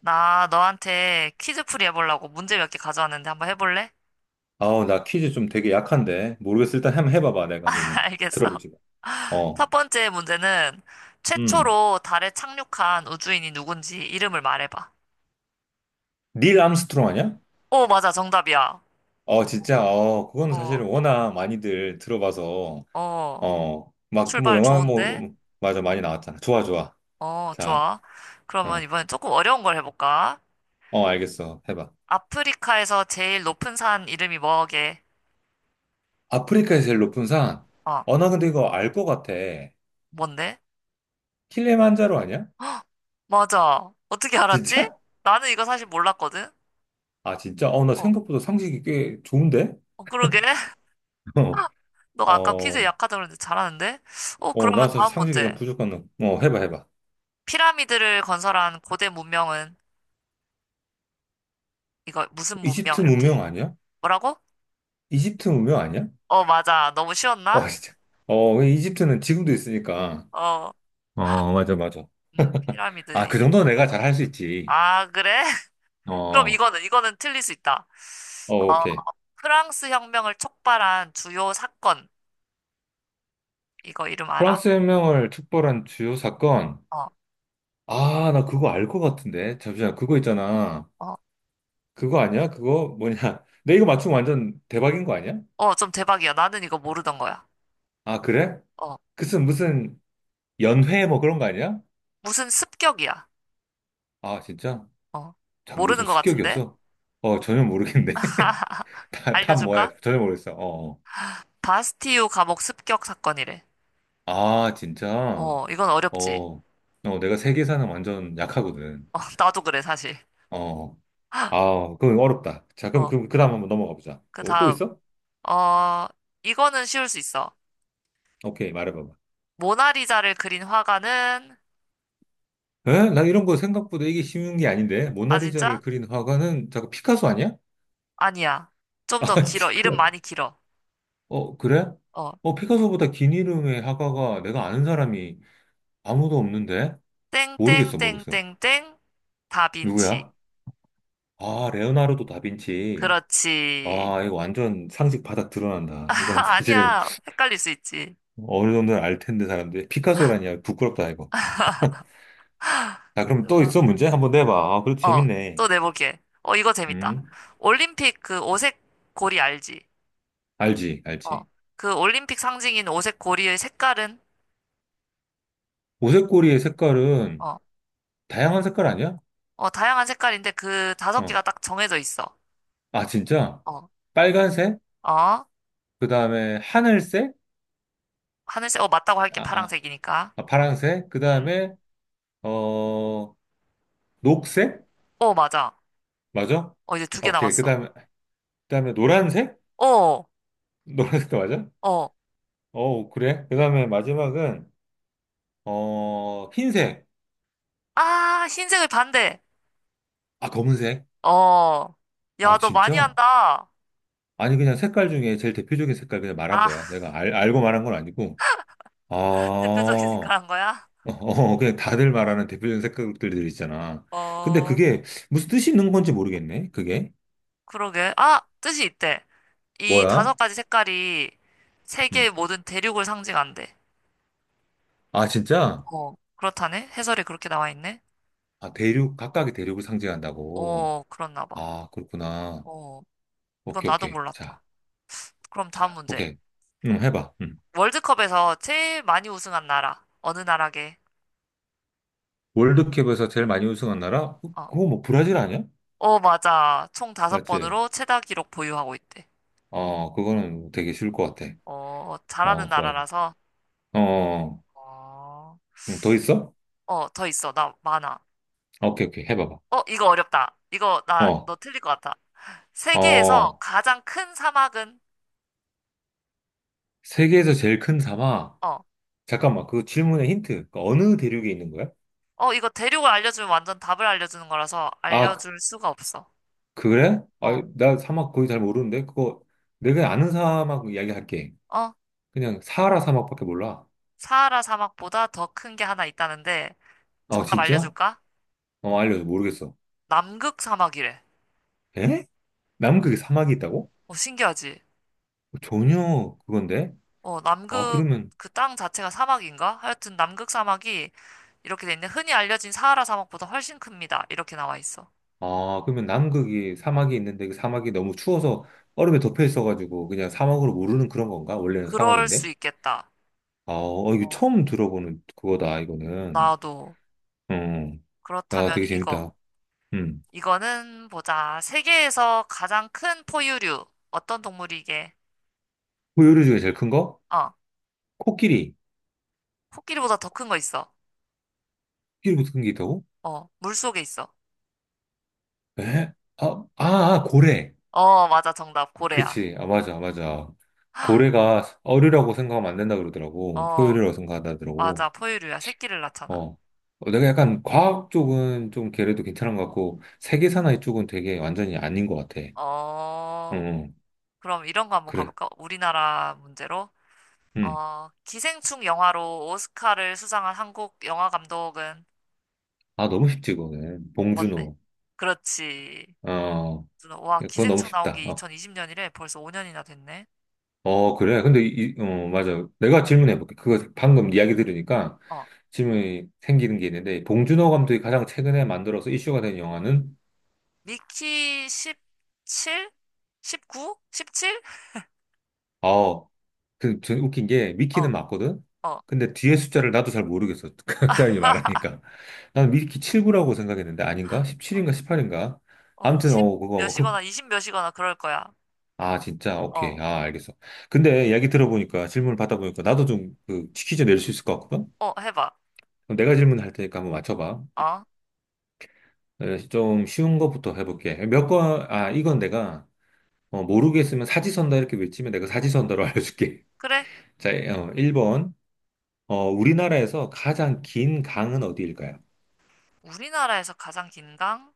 나 너한테 퀴즈풀이 해보려고 문제 몇 개 가져왔는데 한번 해볼래? 아우, 나 퀴즈 좀 되게 약한데. 모르겠어. 일단 한번 해봐봐. 내가 한번 알겠어. 들어보지. 어. 첫 번째 문제는 음. 최초로 달에 착륙한 우주인이 누군지 이름을 말해봐. 닐 암스트롱 아니야? 오, 맞아. 정답이야. 어, 진짜. 어, 그거는 어, 사실은 워낙 많이들 들어봐서. 어, 어, 막, 그 뭐, 출발 영화, 뭐, 좋은데? 뭐, 맞아. 많이 나왔잖아. 좋아, 좋아. 어, 자, 좋아. 그러면 어, 이번엔 조금 어려운 걸 해볼까? 어, 알겠어. 해봐. 아프리카에서 제일 높은 산 이름이 뭐게? 아프리카에서 제일 높은 산. 어, 어, 나 근데 이거 알 것 같아. 뭔데? 킬리만자로 아니야? 맞아. 어떻게 알았지? 진짜? 나는 이거 사실 몰랐거든? 아, 진짜? 어, 나 어, 생각보다 상식이 꽤 좋은데? 어, 그러게. 너가 아까 퀴즈 어, 약하다고 그랬는데 잘하는데? 어, 어, 그러면 나 사실 다음 상식이 좀 문제. 부족한, 어, 해봐, 해봐. 피라미드를 건설한 고대 문명은 이거 무슨 문명 이집트 이렇게. 문명 아니야? 뭐라고? 이집트 문명 아니야? 어, 맞아. 너무 어, 쉬웠나? 진짜. 어, 그 이집트는 지금도 있으니까. 어. 어, 맞아, 맞아. 아, 피라미드 그 이집트 정도는 문명 내가 잘 맞아. 할 수 있지. 아, 그래? 어, 그럼 어, 이거는 틀릴 수 있다. 어, 오케이. 프랑스 혁명을 촉발한 주요 사건. 이거 이름 알아? 프랑스 혁명을 촉발한 주요 사건. 어. 아, 나 그거 알 것 같은데. 잠시만, 그거 있잖아. 어. 그거 아니야? 그거 뭐냐? 내 이거 맞추면 완전 대박인 거 아니야? 어, 좀 대박이야. 나는 이거 모르던 거야. 아, 그래? 어. 그슨 무슨 연회 뭐 그런 거 아니야? 무슨 습격이야. 아, 진짜? 어. 자, 무슨 모르는 것 같은데? 습격이었어? 어, 전혀 모르겠네. 다, 다 알려줄까? 뭐야? 전혀 모르겠어. 어. 어. 바스티유 감옥 습격 사건이래. 아, 진짜? 어, 이건 어렵지. 어, 어, 내가 세계사는 완전 약하거든. 어, 나도 그래, 사실. 어, 아, 그건 어렵다. 자, 그럼, 어, 그럼, 그 다음 한번 넘어가 보자. 그 또, 또 다음. 있어? 어, 이거는 쉬울 수 있어. 오케이, 말해봐봐. 모나리자를 그린 화가는, 에? 나 이런 거 생각보다 이게 쉬운 게 아닌데? 아, 모나리자를 진짜? 그린 화가는, 잠깐, 피카소 아니야? 아니야. 좀 아, 더 진짜 길어. 이름 큰일 났 많이 길어. 어, 그래? 어, 어, 피카소보다 긴 이름의 화가가 내가 아는 사람이 아무도 없는데? 모르겠어, 모르겠어. 땡땡땡땡땡, 다빈치. 누구야? 아, 레오나르도 다빈치. 그렇지. 아, 이거 완전 상식 바닥 드러난다. 이건 사실은 아니야. 헷갈릴 수 있지. 어느 정도는 알 텐데 사람들이 피카소라니야 부끄럽다 이거. 야, 그럼 또 있어, 그러면? 문제? 한번 내봐. 아, 그래도 어, 또 재밌네. 내볼게. 어, 이거 재밌다. 음. 올림픽 그 오색 고리 알지? 알지, 어, 알지. 그 올림픽 상징인 오색 고리의 색깔은 오색고리의 색깔은 어, 다양한 색깔 아니야? 어, 다양한 색깔인데 그 다섯 개가 어. 딱 정해져 있어. 아, 진짜? 어, 빨간색? 어, 그 다음에 하늘색? 하늘색, 어, 맞다고 할게, 아, 아, 파란색이니까. 아, 파란색? 그 응? 다음에 어, 녹색? 어, 맞아. 맞아? 어, 이제 두 개 오케이. 그 남았어. 다음에 그 다음에 노란색? 어, 노란색도 맞아? 어, 어, 그래. 그 다음에 마지막은 어, 흰색. 아, 흰색의 반대. 아, 검은색. 어, 아, 야, 너 많이 진짜? 한다. 아니, 그냥 색깔 중에 제일 대표적인 색깔 그냥 말한 아, 거야. 내가 알고 말한 건 아니고, 아, 대표적인 색깔 어, 한 거야? 어, 그냥 다들 말하는 대표적인 색깔들 있잖아. 근데 어, 그게 무슨 뜻이 있는 건지 모르겠네, 그게. 그러게. 아, 뜻이 있대. 이 다섯 뭐야? 가지 색깔이 음. 세계의 모든 대륙을 상징한대. 아, 진짜? 어, 그렇다네. 해설에 그렇게 나와 있네. 아, 대륙, 각각의 대륙을 상징한다고. 어, 그렇나 봐. 아, 그렇구나. 어, 이건 오케이, 나도 오케이. 자, 몰랐다. 그럼 다음 자, 문제. 오케이. 응, 해봐. 응. 월드컵에서 제일 많이 우승한 나라. 어느 나라게? 월드컵에서 제일 많이 우승한 나라? 어, 그거 뭐 브라질 아니야? 어, 맞아. 총 다섯 맞지? 번으로 최다 기록 보유하고 있대. 어, 그거는 되게 쉬울 것 같아. 어, 잘하는 어, 좋아. 좋아. 나라라서. 어. 어. 어, 응, 더 있어? 어, 더 있어. 나 많아. 아, 오케이, 오케이. 해봐봐. 어, 이거 어렵다. 이거 나, 어, 너 틀릴 것 같아. 세계에서 어, 가장 큰 사막은? 세계에서 제일 큰 사막. 어, 잠깐만, 그 질문의 힌트. 그 어느 대륙에 있는 거야? 어, 이거 대륙을 알려주면 완전 답을 알려주는 거라서 아, 알려줄 수가 없어. 그 그래? 어, 아, 나 사막 거의 잘 모르는데? 그거, 내가 아는 사막 이야기할게. 어, 그냥 사하라 사막밖에 몰라. 사하라 사막보다 더 큰 게 하나 있다는데, 아, 정답 진짜? 알려줄까? 어, 알려줘. 모르겠어. 남극 사막이래. 에? 남극에 사막이 있다고? 어, 신기하지? 전혀 그건데? 어, 아, 남극 그러면, 그 땅 자체가 사막인가? 하여튼 남극 사막이 이렇게 돼 있는데 흔히 알려진 사하라 사막보다 훨씬 큽니다. 이렇게 나와 있어. 아, 그러면 남극이 사막이 있는데 그 사막이 너무 추워서 얼음에 덮여 있어가지고 그냥 사막으로 모르는 그런 건가? 원래는 그럴 수 사막인데? 있겠다. 아, 어, 이거 어, 처음 들어보는 그거다, 이거는. 나도. 어, 야, 그렇다면 되게 이거. 재밌다. 음. 이거는 보자. 세계에서 가장 큰 포유류. 어떤 동물이 이게? 포유류 중에 제일 큰 거? 어, 코끼리. 코끼리보다 더 큰 거 있어. 코끼리보다 큰 게 있다고? 어, 물속에 있어. 에? 아, 아, 아, 고래. 어, 맞아. 정답. 고래야. 그치. 아, 맞아, 맞아. 고래가 어류라고 생각하면 안 된다 그러더라고. 어, 포유류라고 생각하더라고. 맞아. 포유류야. 새끼를 낳잖아. 어. 어, 내가 약간 과학 쪽은 좀 걔네도 괜찮은 것 같고, 세계 사나이 쪽은 되게 완전히 아닌 것 같아. 응, 어, 응. 그럼 이런 거 한번 그래. 가볼까? 우리나라 문제로. 음. 어, 기생충 영화로 오스카를 수상한 한국 영화 감독은 아, 너무 쉽지, 그거는. 뭔데? 봉준호. 그렇지. 어, 와, 그건 너무 기생충 나온 쉽다. 게 어. 2020년이래. 벌써 5년이나 됐네. 어, 그래. 근데 어, 맞아. 내가 질문해 볼게. 그거 방금 이야기 들으니까 어, 질문이 생기는 게 있는데, 봉준호 감독이 가장 최근에 만들어서 이슈가 된 영화는, 미키 17? 19? 17? 어, 그, 전 웃긴 게, 어, 위키는 맞거든? 어, 근데 뒤에 숫자를 나도 잘 모르겠어. 그 사람이 말하니까. 난 위키 79라고 생각했는데, 아닌가? 17인가 18인가? 어, 아무튼, 10 어, 그거, 뭐, 그, 몇이거나 20 몇이거나 그럴 거야. 아, 진짜, 오케이. 어, 아, 알겠어. 근데 이야기 들어보니까, 질문을 받아보니까, 나도 좀, 그, 퀴즈 낼 수 있을 것 같거든? 어, 해봐. 그럼 내가 질문할 테니까 한번 맞춰봐. 어, 그래서 좀 쉬운 것부터 해볼게. 몇 거, 아, 이건 내가 어, 모르겠으면 사지선다 이렇게 외치면 내가 사지선다로 알려줄게. 그래. 자, 어, 1번. 어, 우리나라에서 가장 긴 강은 어디일까요? 우리나라에서 가장 긴 강?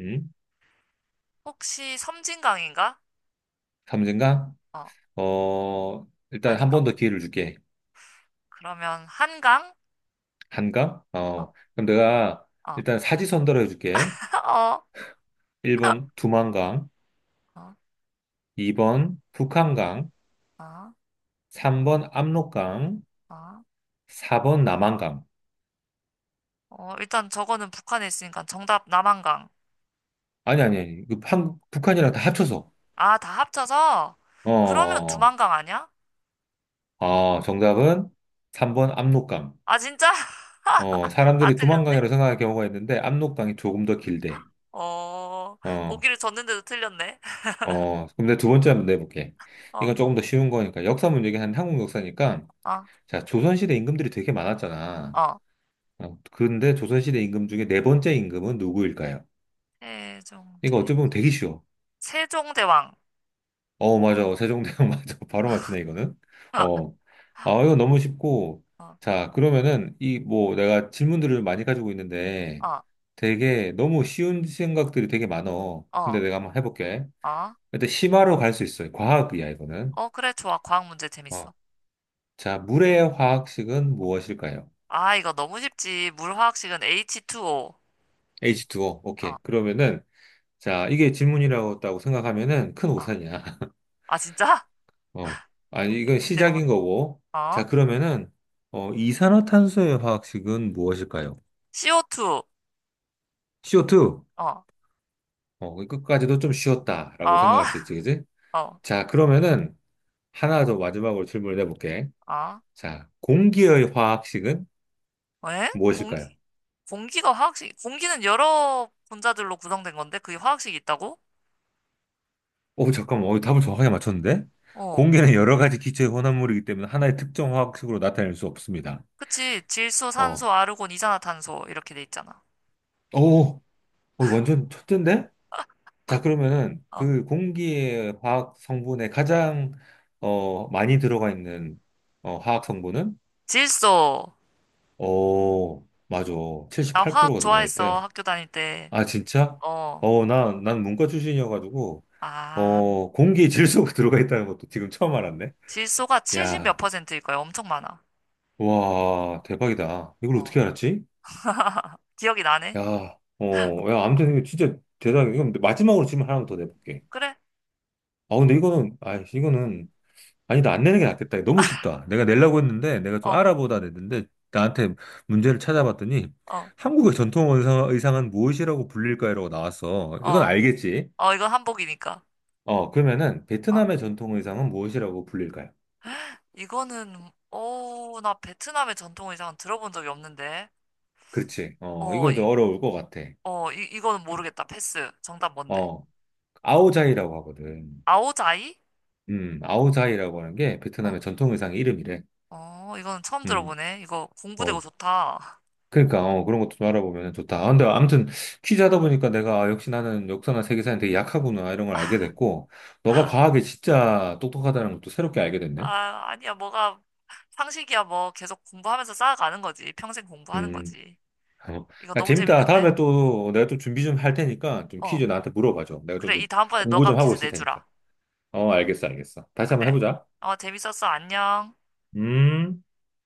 음? 혹시 섬진강인가? 삼진강? 어, 어, 일단 한 아닌가 번 더 기회를 줄게. 그러면 한강? 한강? 어, 어, 그럼 내가 어, 일단 사지선다로 해줄게. 어, 1번 두만강, 어, 2번 북한강, 어, 3번 압록강, 어. 4번 남한강. 어, 일단 저거는 북한에 있으니까 정답 남한강. 아니, 아니, 아니. 그 한, 북한이랑 다 합쳐서. 아, 다 합쳐서? 어, 어, 그러면 어. 두만강 아니야? 아, 정답은 3번 압록강. 아, 진짜? 어, 다 사람들이 틀렸네. 두만강이라고 생각할 경우가 있는데 압록강이 조금 더 길대. 어, 어, 보기를 줬는데도 틀렸네. 어, 근데 두 번째 한번 내볼게. 어, 이건 조금 더 쉬운 거니까 역사 문제긴 한 한국 역사니까 어, 자, 조선시대 임금들이 되게 많았잖아. 어. 어, 근데 조선시대 임금 중에 네 번째 임금은 누구일까요? 이거 세종대, 어찌 보면 되게 쉬워. 세종대왕. 어, 맞아. 어, 세종대왕 맞아. 바로 맞추네, 이거는. 어, 어. 아, 이거 너무 쉽고. 어, 자, 그러면은, 이, 뭐, 내가 질문들을 많이 가지고 있는데, 어, 되게 너무 쉬운 생각들이 되게 많어. 근데 어. 내가 한번 해볼게. 어, 일단, 심화로 갈 수 있어. 과학이야, 이거는. 어, 그래, 좋아. 과학 문제 어. 재밌어. 자, 물의 화학식은 무엇일까요? 아, 이거 너무 쉽지. 물 화학식은 H2O. H2O. 어, 오케이. 그러면은, 자, 이게 질문이라고 했다고 생각하면은 큰 어. 오산이야. 아, 진짜? 어. 아니, 뭔데, 이건 문제가 시작인 뭔데? 거고. 자, 어? 그러면은, 어, 이산화탄소의 화학식은 무엇일까요? CO2. CO2. 어, 어, 그 끝까지도 좀 쉬웠다라고 어, 생각할 수 있지, 그지? 어, 자, 그러면은, 하나 더 마지막으로 질문을 해볼게. 어. 자, 공기의 화학식은 왜? 무엇일까요? 공기가 화학식, 공기는 여러 분자들로 구성된 건데, 그게 화학식이 있다고? 어, 잠깐만, 어, 답을 정확하게 맞췄는데? 어. 공기는 여러 가지 기체의 혼합물이기 때문에 하나의 특정 화학식으로 나타낼 수 없습니다. 그치. 질소, 어, 산소, 아르곤, 이산화탄소. 이렇게 돼 있잖아. 오, 어, 완전 첫째인데? 자, 그러면은 어. 그 공기의 화학 성분에 가장 어, 많이 들어가 있는 어, 화학 성분은? 질소. 어, 맞아. 나 화학 78%가 들어가 좋아했어. 있대. 학교 다닐 때. 아, 진짜? 어. 어, 나, 난 문과 출신이어가지고, 아. 어, 공기 질소가 들어가 있다는 것도 지금 처음 알았네. 질소가 70 몇 야, 퍼센트일 거야. 엄청 많아. 와, 대박이다. 이걸 어. 어떻게 알았지? 기억이 나네. 야, 어, 야, 아무튼 이거 진짜 대단해. 이건 마지막으로 질문 하나 더 내볼게. 그래? 아, 근데 이거는, 아, 이거는 아니, 나 안 내는 게 낫겠다. 너무 쉽다. 내가 내려고 했는데, 내가 좀 어, 알아보다 냈는데, 나한테 문제를 찾아봤더니, 어, 한국의 전통 의상은 무엇이라고 불릴까요?라고 나왔어. 이건 어. 알겠지? 어, 이건 한복이니까. 어, 그러면은, 어, 베트남의 전통 의상은 무엇이라고 불릴까요? 이거는, 어, 나 베트남의 전통 의상은 들어본 적이 없는데. 그렇지. 어, 어, 이건 좀 이, 어려울 것 같아. 어, 이, 이거는 모르겠다. 패스. 정답 뭔데? 어, 아오자이라고 하거든. 아오자이? 아오자이라고 하는 게 베트남의 어, 전통 의상 이름이래. 어, 이거는 처음 음, 들어보네. 이거 공부되고 어, 좋다. 그러니까 어, 그런 것도 좀 알아보면 좋다. 아, 근데 아무튼 퀴즈 하다 보니까 내가 아, 역시 나는 역사나 세계사는 되게 약하구나 이런 걸 알게 됐고 너가 과학에 진짜 똑똑하다는 것도 새롭게 알게 됐네. 아, 아니야. 뭐가 상식이야. 뭐 계속 공부하면서 쌓아가는 거지. 평생 공부하는 음, 거지. 어. 이거 야, 너무 재밌다. 재밌는데? 다음에 또 내가 또 준비 좀 할 테니까 좀 퀴즈 어, 나한테 물어봐줘. 내가 좀 그래. 더 이 다음번에 공부 너가 좀 하고 퀴즈 있을 테니까. 내주라. 어, 알겠어, 알겠어. 다시 한번 그래. 해보자. 어, 재밌었어. 안녕. 음.